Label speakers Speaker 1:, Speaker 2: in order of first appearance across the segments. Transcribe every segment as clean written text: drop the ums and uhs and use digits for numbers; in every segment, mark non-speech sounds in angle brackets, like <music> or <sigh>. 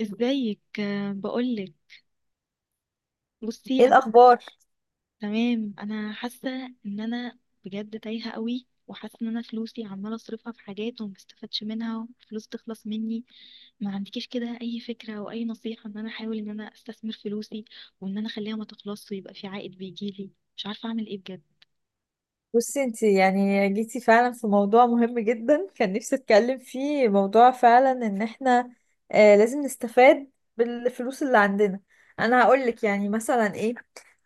Speaker 1: ازيك، آه، بقولك. بصي
Speaker 2: ايه
Speaker 1: انا.
Speaker 2: الاخبار؟
Speaker 1: تمام، انا حاسه ان انا بجد تايهه قوي، وحاسه ان انا فلوسي عماله اصرفها في حاجات وما بستفادش منها، وفلوس تخلص مني. ما عندكيش كده اي فكره او اي نصيحه ان انا احاول ان انا استثمر فلوسي، وان انا اخليها ما تخلصش، ويبقى في عائد بيجيلي؟ مش عارفه اعمل ايه بجد.
Speaker 2: بصي، انت يعني جيتي فعلا في موضوع مهم جدا كان نفسي اتكلم فيه. موضوع فعلا ان احنا لازم نستفاد بالفلوس اللي عندنا. انا هقول لك يعني مثلا ايه.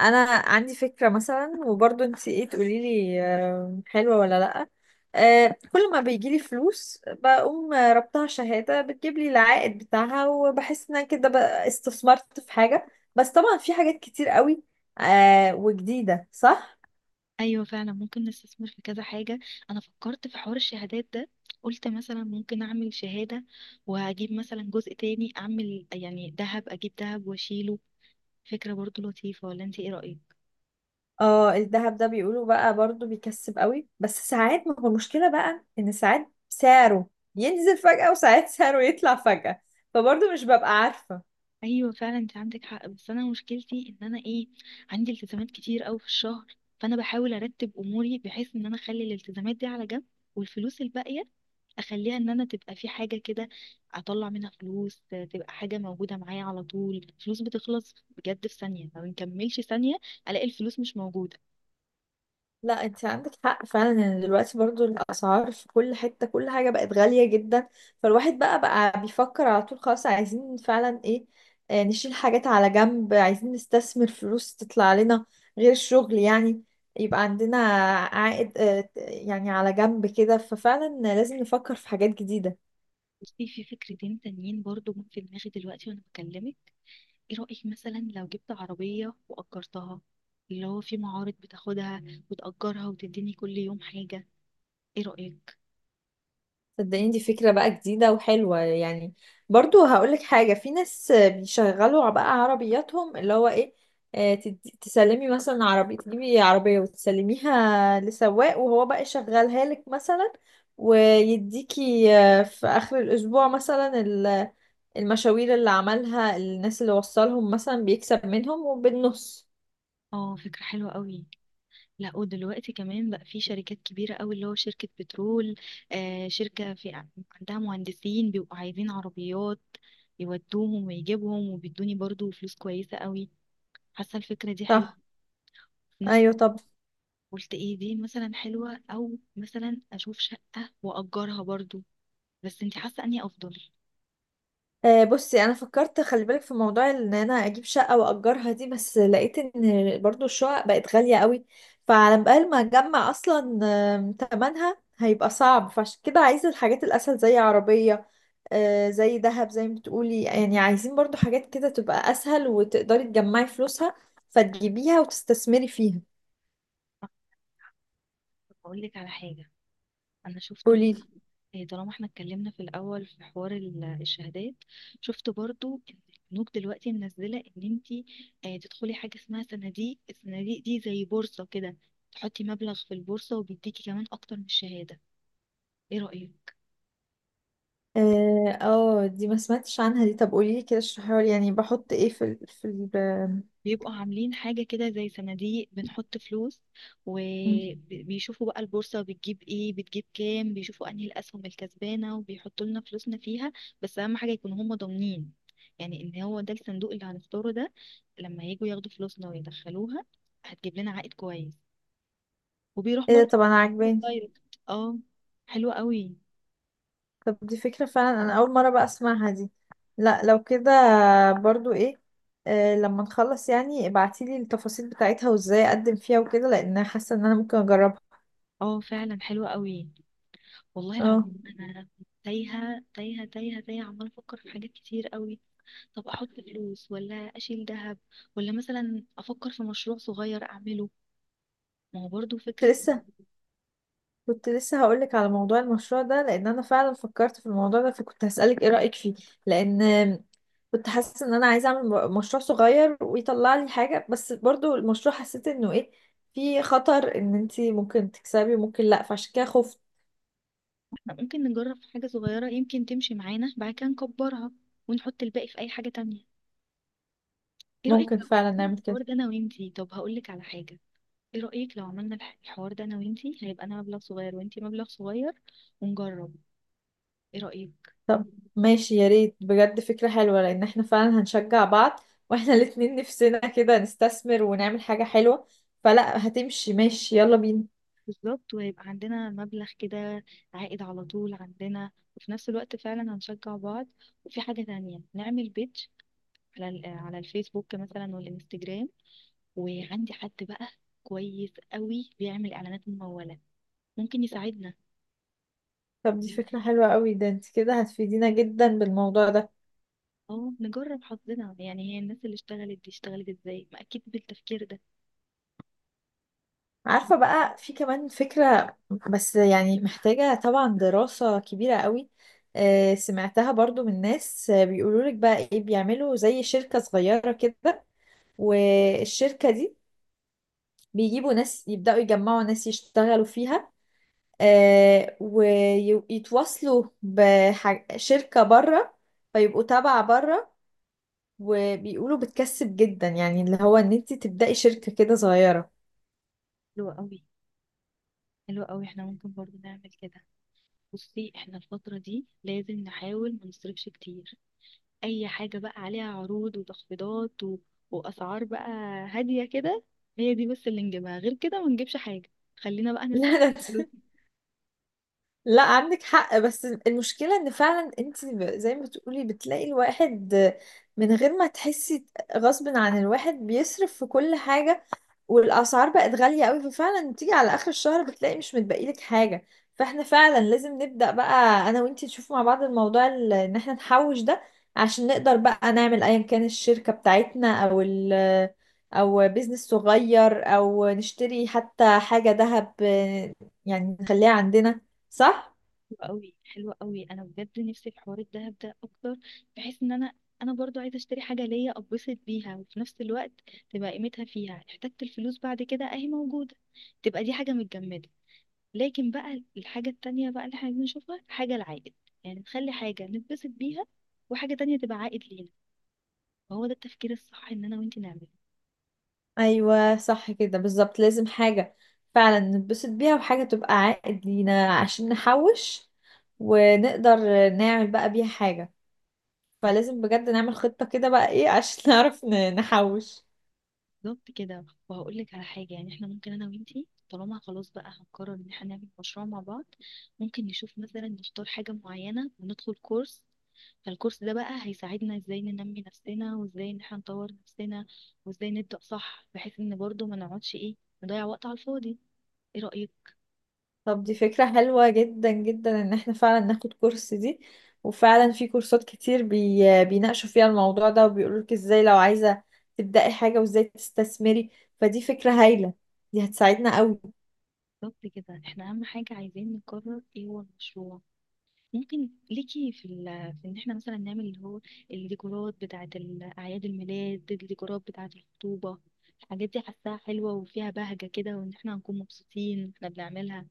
Speaker 2: انا عندي فكرة مثلا، وبرضه انت ايه تقولي لي، حلوة ولا لا؟ كل ما بيجي لي فلوس بقوم ربطها شهادة بتجيب لي العائد بتاعها، وبحس ان أنا كده بقى استثمرت في حاجة. بس طبعا في حاجات كتير قوي وجديدة، صح؟
Speaker 1: ايوه فعلا، ممكن نستثمر في كذا حاجه. انا فكرت في حوار الشهادات ده. قلت مثلا ممكن اعمل شهاده، واجيب مثلا جزء تاني اعمل يعني ذهب، اجيب ذهب واشيله. فكرة برضو لطيفة، ولا انت ايه رأيك؟
Speaker 2: اه الذهب ده بيقولوا بقى برضو بيكسب قوي، بس ساعات ما هو المشكلة بقى ان ساعات سعره ينزل فجأة وساعات سعره يطلع فجأة، فبرضو مش ببقى عارفة.
Speaker 1: ايوه فعلا، انت عندك حق. بس انا مشكلتي ان انا ايه، عندي التزامات كتير قوي في الشهر. فانا بحاول ارتب اموري بحيث ان انا اخلي الالتزامات دي على جنب، والفلوس الباقية اخليها ان انا تبقى في حاجة كده اطلع منها فلوس، آه، تبقى حاجة موجودة معايا على طول. الفلوس بتخلص بجد، في ثانية ما بنكملش ثانية الاقي الفلوس مش موجودة.
Speaker 2: لا، انت عندك حق فعلا، ان دلوقتي برضو الاسعار في كل حتة كل حاجة بقت غالية جدا. فالواحد بقى بيفكر على طول، خلاص عايزين فعلا ايه، نشيل حاجات على جنب، عايزين نستثمر فلوس تطلع لنا غير الشغل يعني، يبقى عندنا عائد يعني على جنب كده. ففعلا لازم نفكر في حاجات جديدة.
Speaker 1: بصي، في فكرتين تانيين برضو جم في دماغي دلوقتي وانا بكلمك. ايه رأيك مثلا لو جبت عربية وأجرتها، اللي هو في معارض بتاخدها، وتأجرها وتديني كل يوم حاجة؟ ايه رأيك؟
Speaker 2: صدقيني، دي فكرة بقى جديدة وحلوة يعني. برضو هقولك حاجة، في ناس بيشغلوا بقى عربياتهم، اللي هو ايه، تسلمي مثلا عربية، تجيبي عربية وتسلميها لسواق وهو بقى يشغلها لك مثلا، ويديكي في آخر الأسبوع مثلا المشاوير اللي عملها الناس اللي وصلهم مثلا، بيكسب منهم وبالنص.
Speaker 1: اه، فكرة حلوة قوي. لا، ودلوقتي كمان بقى في شركات كبيرة قوي، اللي هو شركة بترول، آه، شركة في عندها مهندسين بيبقوا عايزين عربيات يودوهم ويجيبهم، وبيدوني برضو فلوس كويسة قوي. حاسة الفكرة دي حلوة.
Speaker 2: صح.
Speaker 1: ناس.
Speaker 2: أيوة، طب
Speaker 1: قلت ايه دي مثلا حلوة، او مثلا اشوف شقة واجرها برضو؟ بس انت حاسة اني افضل.
Speaker 2: بصي، انا فكرت خلي بالك، في موضوع ان انا اجيب شقه واجرها دي، بس لقيت ان برضو الشقق بقت غاليه قوي، فعلى بال ما اجمع اصلا تمنها هيبقى صعب، فعشان كده عايزه الحاجات الاسهل زي عربيه، زي ذهب، زي ما بتقولي يعني. عايزين برضو حاجات كده تبقى اسهل وتقدري تجمعي فلوسها، فتجيبيها وتستثمري فيها.
Speaker 1: اقول لك على حاجه. انا شفت
Speaker 2: قوليلي.
Speaker 1: إيه، طالما احنا اتكلمنا في الاول في حوار الشهادات، شفت برضو ان البنوك دلوقتي منزله ان انت، آه، تدخلي حاجه اسمها صناديق. الصناديق دي زي بورصه كده، تحطي مبلغ في البورصه وبيديكي كمان اكتر من الشهاده. ايه رايك؟
Speaker 2: دي ما سمعتش عنها. دي طب قوليلي كده، اشرحيها لي، يعني بحط ايه في ال...
Speaker 1: بيبقوا عاملين حاجة كده زي صناديق، بنحط فلوس،
Speaker 2: آم،
Speaker 1: وبيشوفوا بقى البورصة بتجيب ايه، بتجيب كام، بيشوفوا انهي الأسهم الكسبانة وبيحطوا لنا فلوسنا فيها. بس أهم حاجة يكونوا هم ضامنين، يعني ان هو ده الصندوق اللي هنختاره ده، لما يجوا ياخدوا فلوسنا ويدخلوها، هتجيب لنا عائد كويس. وبيروح
Speaker 2: ايه ده؟
Speaker 1: برضه.
Speaker 2: طب انا
Speaker 1: <laughs>
Speaker 2: عاجباني.
Speaker 1: دايركت. اه. حلوة قوي.
Speaker 2: طب دي فكرة فعلا، أنا أول مرة بقى أسمعها دي. لا لو كده برضو إيه، لما نخلص يعني ابعتيلي التفاصيل بتاعتها وإزاي أقدم فيها وكده، لأن أنا حاسة إن أنا ممكن أجربها.
Speaker 1: اه فعلا حلوة قوي. والله
Speaker 2: اه
Speaker 1: العظيم انا تايهة تايهة تايهة تايهة، عمالة افكر في حاجات كتير قوي. طب احط فلوس، ولا اشيل ذهب، ولا مثلا افكر في مشروع صغير اعمله؟ ما هو برضو
Speaker 2: كنت
Speaker 1: فكرة.
Speaker 2: لسه كنت لسه هقولك على موضوع المشروع ده، لأن أنا فعلا فكرت في الموضوع ده، فكنت هسألك إيه رأيك فيه. لأن كنت حاسة إن أنا عايزة أعمل مشروع صغير ويطلع لي حاجة، بس برضو المشروع حسيت إنه إيه، في خطر إن أنتي ممكن تكسبي وممكن لأ، فعشان كده خفت.
Speaker 1: احنا ممكن نجرب في حاجة صغيرة يمكن تمشي معانا، بعد كده نكبرها، ونحط الباقي في اي حاجة تانية. ايه رأيك
Speaker 2: ممكن
Speaker 1: لو
Speaker 2: فعلا
Speaker 1: عملنا
Speaker 2: نعمل
Speaker 1: الحوار
Speaker 2: كده.
Speaker 1: ده انا وانتي؟ طب هقولك على حاجة. ايه رأيك لو عملنا الحوار ده انا وانتي، هيبقى انا مبلغ صغير وانتي مبلغ صغير، ونجرب؟ ايه رأيك؟
Speaker 2: طب ماشي، يا ريت بجد فكرة حلوة، لأن احنا فعلا هنشجع بعض. واحنا الاتنين نفسنا كده نستثمر ونعمل حاجة حلوة، فلا هتمشي. ماشي، يلا بينا.
Speaker 1: بالظبط، ويبقى عندنا مبلغ كده، عائد على طول عندنا، وفي نفس الوقت فعلا هنشجع بعض. وفي حاجة تانية، نعمل بيدج على على الفيسبوك مثلا والانستجرام، وعندي حد بقى كويس قوي بيعمل اعلانات ممولة، ممكن يساعدنا.
Speaker 2: طب دي فكرة حلوة قوي، ده انت كده هتفيدينا جدا بالموضوع ده.
Speaker 1: اه، نجرب حظنا يعني، هي الناس اللي اشتغلت دي اشتغلت ازاي؟ ما اكيد بالتفكير ده.
Speaker 2: عارفة بقى، في كمان فكرة، بس يعني محتاجة طبعا دراسة كبيرة قوي. سمعتها برضو من ناس، بيقولوا لك بقى ايه، بيعملوا زي شركة صغيرة كده، والشركة دي بيجيبوا ناس يبدأوا يجمعوا ناس يشتغلوا فيها، ويتواصلوا بشركة بره فيبقوا تابعة بره. وبيقولوا بتكسب جدا، يعني اللي هو ان انت تبدأي شركة كده صغيرة.
Speaker 1: حلو قوي، حلو قوي، احنا ممكن برضو نعمل كده. بصي، احنا الفترة دي لازم نحاول ما نصرفش كتير. اي حاجة بقى عليها عروض وتخفيضات و... واسعار بقى هادية كده، هي دي بس اللي نجيبها، غير كده ما نجيبش حاجة. خلينا بقى
Speaker 2: <laughs>
Speaker 1: نسيب.
Speaker 2: لا، لا. لا عندك حق، بس المشكلة ان فعلا انت، زي ما بتقولي، بتلاقي الواحد من غير ما تحسي، غصب عن الواحد بيصرف في كل حاجة، والاسعار بقت غاليه قوي، ففعلا بتيجي على اخر الشهر بتلاقي مش متبقي لك حاجه. فاحنا فعلا لازم نبدا بقى انا وانتي، نشوف مع بعض الموضوع، ان احنا نحوش ده، عشان نقدر بقى نعمل ايا كان الشركه بتاعتنا او بيزنس صغير، او نشتري حتى حاجه ذهب، يعني نخليها عندنا، صح؟
Speaker 1: حلوة قوي، حلوة قوي، انا بجد نفسي في حوار الدهب ده اكتر، بحيث ان انا، انا برضو عايزه اشتري حاجه ليا اتبسط بيها، وفي نفس الوقت تبقى قيمتها فيها، احتجت الفلوس بعد كده اهي موجوده، تبقى دي حاجه متجمده. لكن بقى الحاجه التانية بقى اللي احنا بنشوفها حاجه العائد، يعني نخلي حاجه نتبسط بيها، وحاجه تانية تبقى عائد لينا. فهو ده التفكير الصح ان انا وانتي نعمله.
Speaker 2: ايوه صح كده بالظبط، لازم حاجه فعلا نتبسط بيها وحاجه تبقى عائد لينا عشان نحوش، ونقدر نعمل بقى بيها حاجة. فلازم بجد نعمل خطة كده بقى ايه عشان <laughs> نعرف نحوش.
Speaker 1: بالظبط كده، وهقول لك على حاجة. يعني احنا ممكن انا وانتي، طالما خلاص بقى هنقرر ان احنا نعمل مشروع مع بعض، ممكن نشوف مثلا نختار حاجة معينة وندخل كورس. فالكورس ده بقى هيساعدنا ازاي ننمي نفسنا، وازاي ان احنا نطور نفسنا، وازاي نبدأ صح، بحيث ان برضو ما نقعدش ايه، نضيع وقت على الفاضي. ايه رأيك؟
Speaker 2: طب دي فكرة حلوة جدا جدا، ان احنا فعلا ناخد كورس دي. وفعلا في كورسات كتير بيناقشوا فيها الموضوع ده، وبيقولولك ازاي لو عايزة تبدأي حاجة وازاي تستثمري. فدي فكرة هايلة، دي هتساعدنا قوي.
Speaker 1: بالظبط كده، احنا اهم حاجة عايزين نقرر ايه هو المشروع. ممكن ليكي في, ال... في ان احنا مثلا نعمل اللي هو الديكورات بتاعة اعياد الميلاد، الديكورات بتاعة الخطوبة. الحاجات دي حاساها حلوة وفيها بهجة كده، وان احنا هنكون مبسوطين واحنا بنعملها.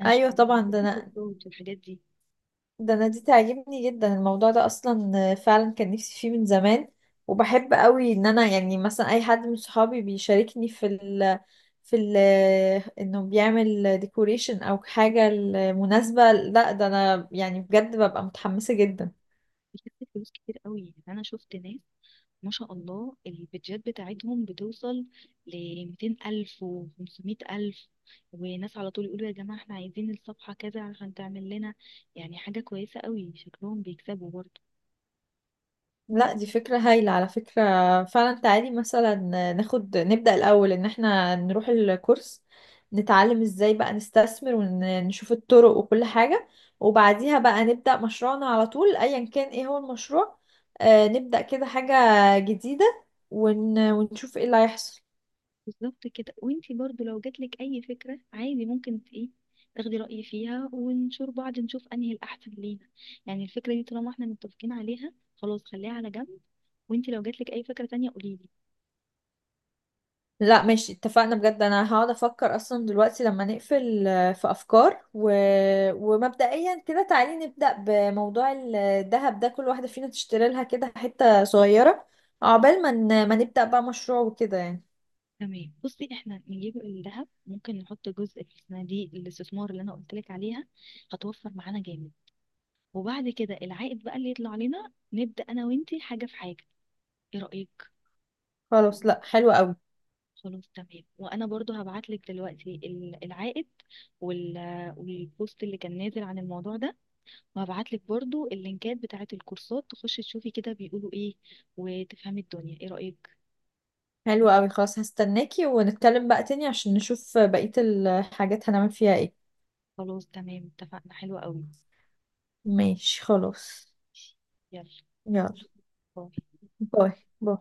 Speaker 1: انا شفت
Speaker 2: ايوه طبعا، ده انا
Speaker 1: الحاجات دي
Speaker 2: ده انا دي تعجبني جدا، الموضوع ده اصلا فعلا كان نفسي فيه من زمان. وبحب قوي ان انا يعني مثلا اي حد من صحابي بيشاركني في ال انه بيعمل ديكوريشن او حاجة لمناسبة، لا ده انا يعني بجد ببقى متحمسة جدا.
Speaker 1: بتكسب فلوس كتير قوي. انا شفت ناس ما شاء الله البيدجات بتاعتهم بتوصل ل 200 ألف و 500 ألف، وناس على طول يقولوا يا جماعة احنا عايزين الصفحة كذا عشان تعمل لنا. يعني حاجة كويسة قوي، شكلهم بيكسبوا برضه.
Speaker 2: لا دي فكرة هايلة على فكرة. فعلا تعالي مثلا نبدأ الأول إن احنا نروح الكورس، نتعلم ازاي بقى نستثمر ونشوف الطرق وكل حاجة. وبعديها بقى نبدأ مشروعنا على طول، أيا كان ايه هو المشروع، نبدأ كده حاجة جديدة، ونشوف ايه اللي هيحصل.
Speaker 1: بالظبط كده، وانتي برضو لو جاتلك اي فكرة، عادي ممكن ايه، تاخدي رأيي فيها، ونشور بعض نشوف انهي الاحسن لينا. يعني الفكرة دي طالما احنا متفقين عليها خلاص، خليها على جنب، وانتي لو جاتلك اي فكرة تانية قوليلي.
Speaker 2: لا ماشي، اتفقنا بجد. انا هقعد افكر اصلا دلوقتي لما نقفل، في افكار ومبدئيا كده تعالي نبدأ بموضوع الذهب ده، كل واحدة فينا تشتري لها كده حتة صغيرة، عقبال ما ما نبدأ بقى مشروع وكده يعني.
Speaker 1: تمام. بصي، احنا نجيب الذهب، ممكن نحط جزء في صناديق الاستثمار اللي انا قلتلك عليها، هتوفر معانا جامد. وبعد كده العائد بقى اللي يطلع لنا، نبدأ انا وانتي حاجة في حاجة. ايه رأيك؟
Speaker 2: خلاص. لا، حلو قوي
Speaker 1: خلاص تمام. وانا برضو هبعت لك دلوقتي العائد وال... والبوست اللي كان نازل عن الموضوع ده، وهبعت لك برضو اللينكات بتاعه الكورسات، تخشي تشوفي كده بيقولوا ايه، وتفهمي الدنيا. ايه رأيك؟
Speaker 2: حلو قوي. خلاص هستناكي، ونتكلم بقى تاني عشان نشوف بقية الحاجات هنعمل فيها ايه.
Speaker 1: خلاص تمام، اتفقنا، حلوة قوي.
Speaker 2: ماشي خلاص.
Speaker 1: يلا.
Speaker 2: يلا.
Speaker 1: باي.
Speaker 2: باي. باي.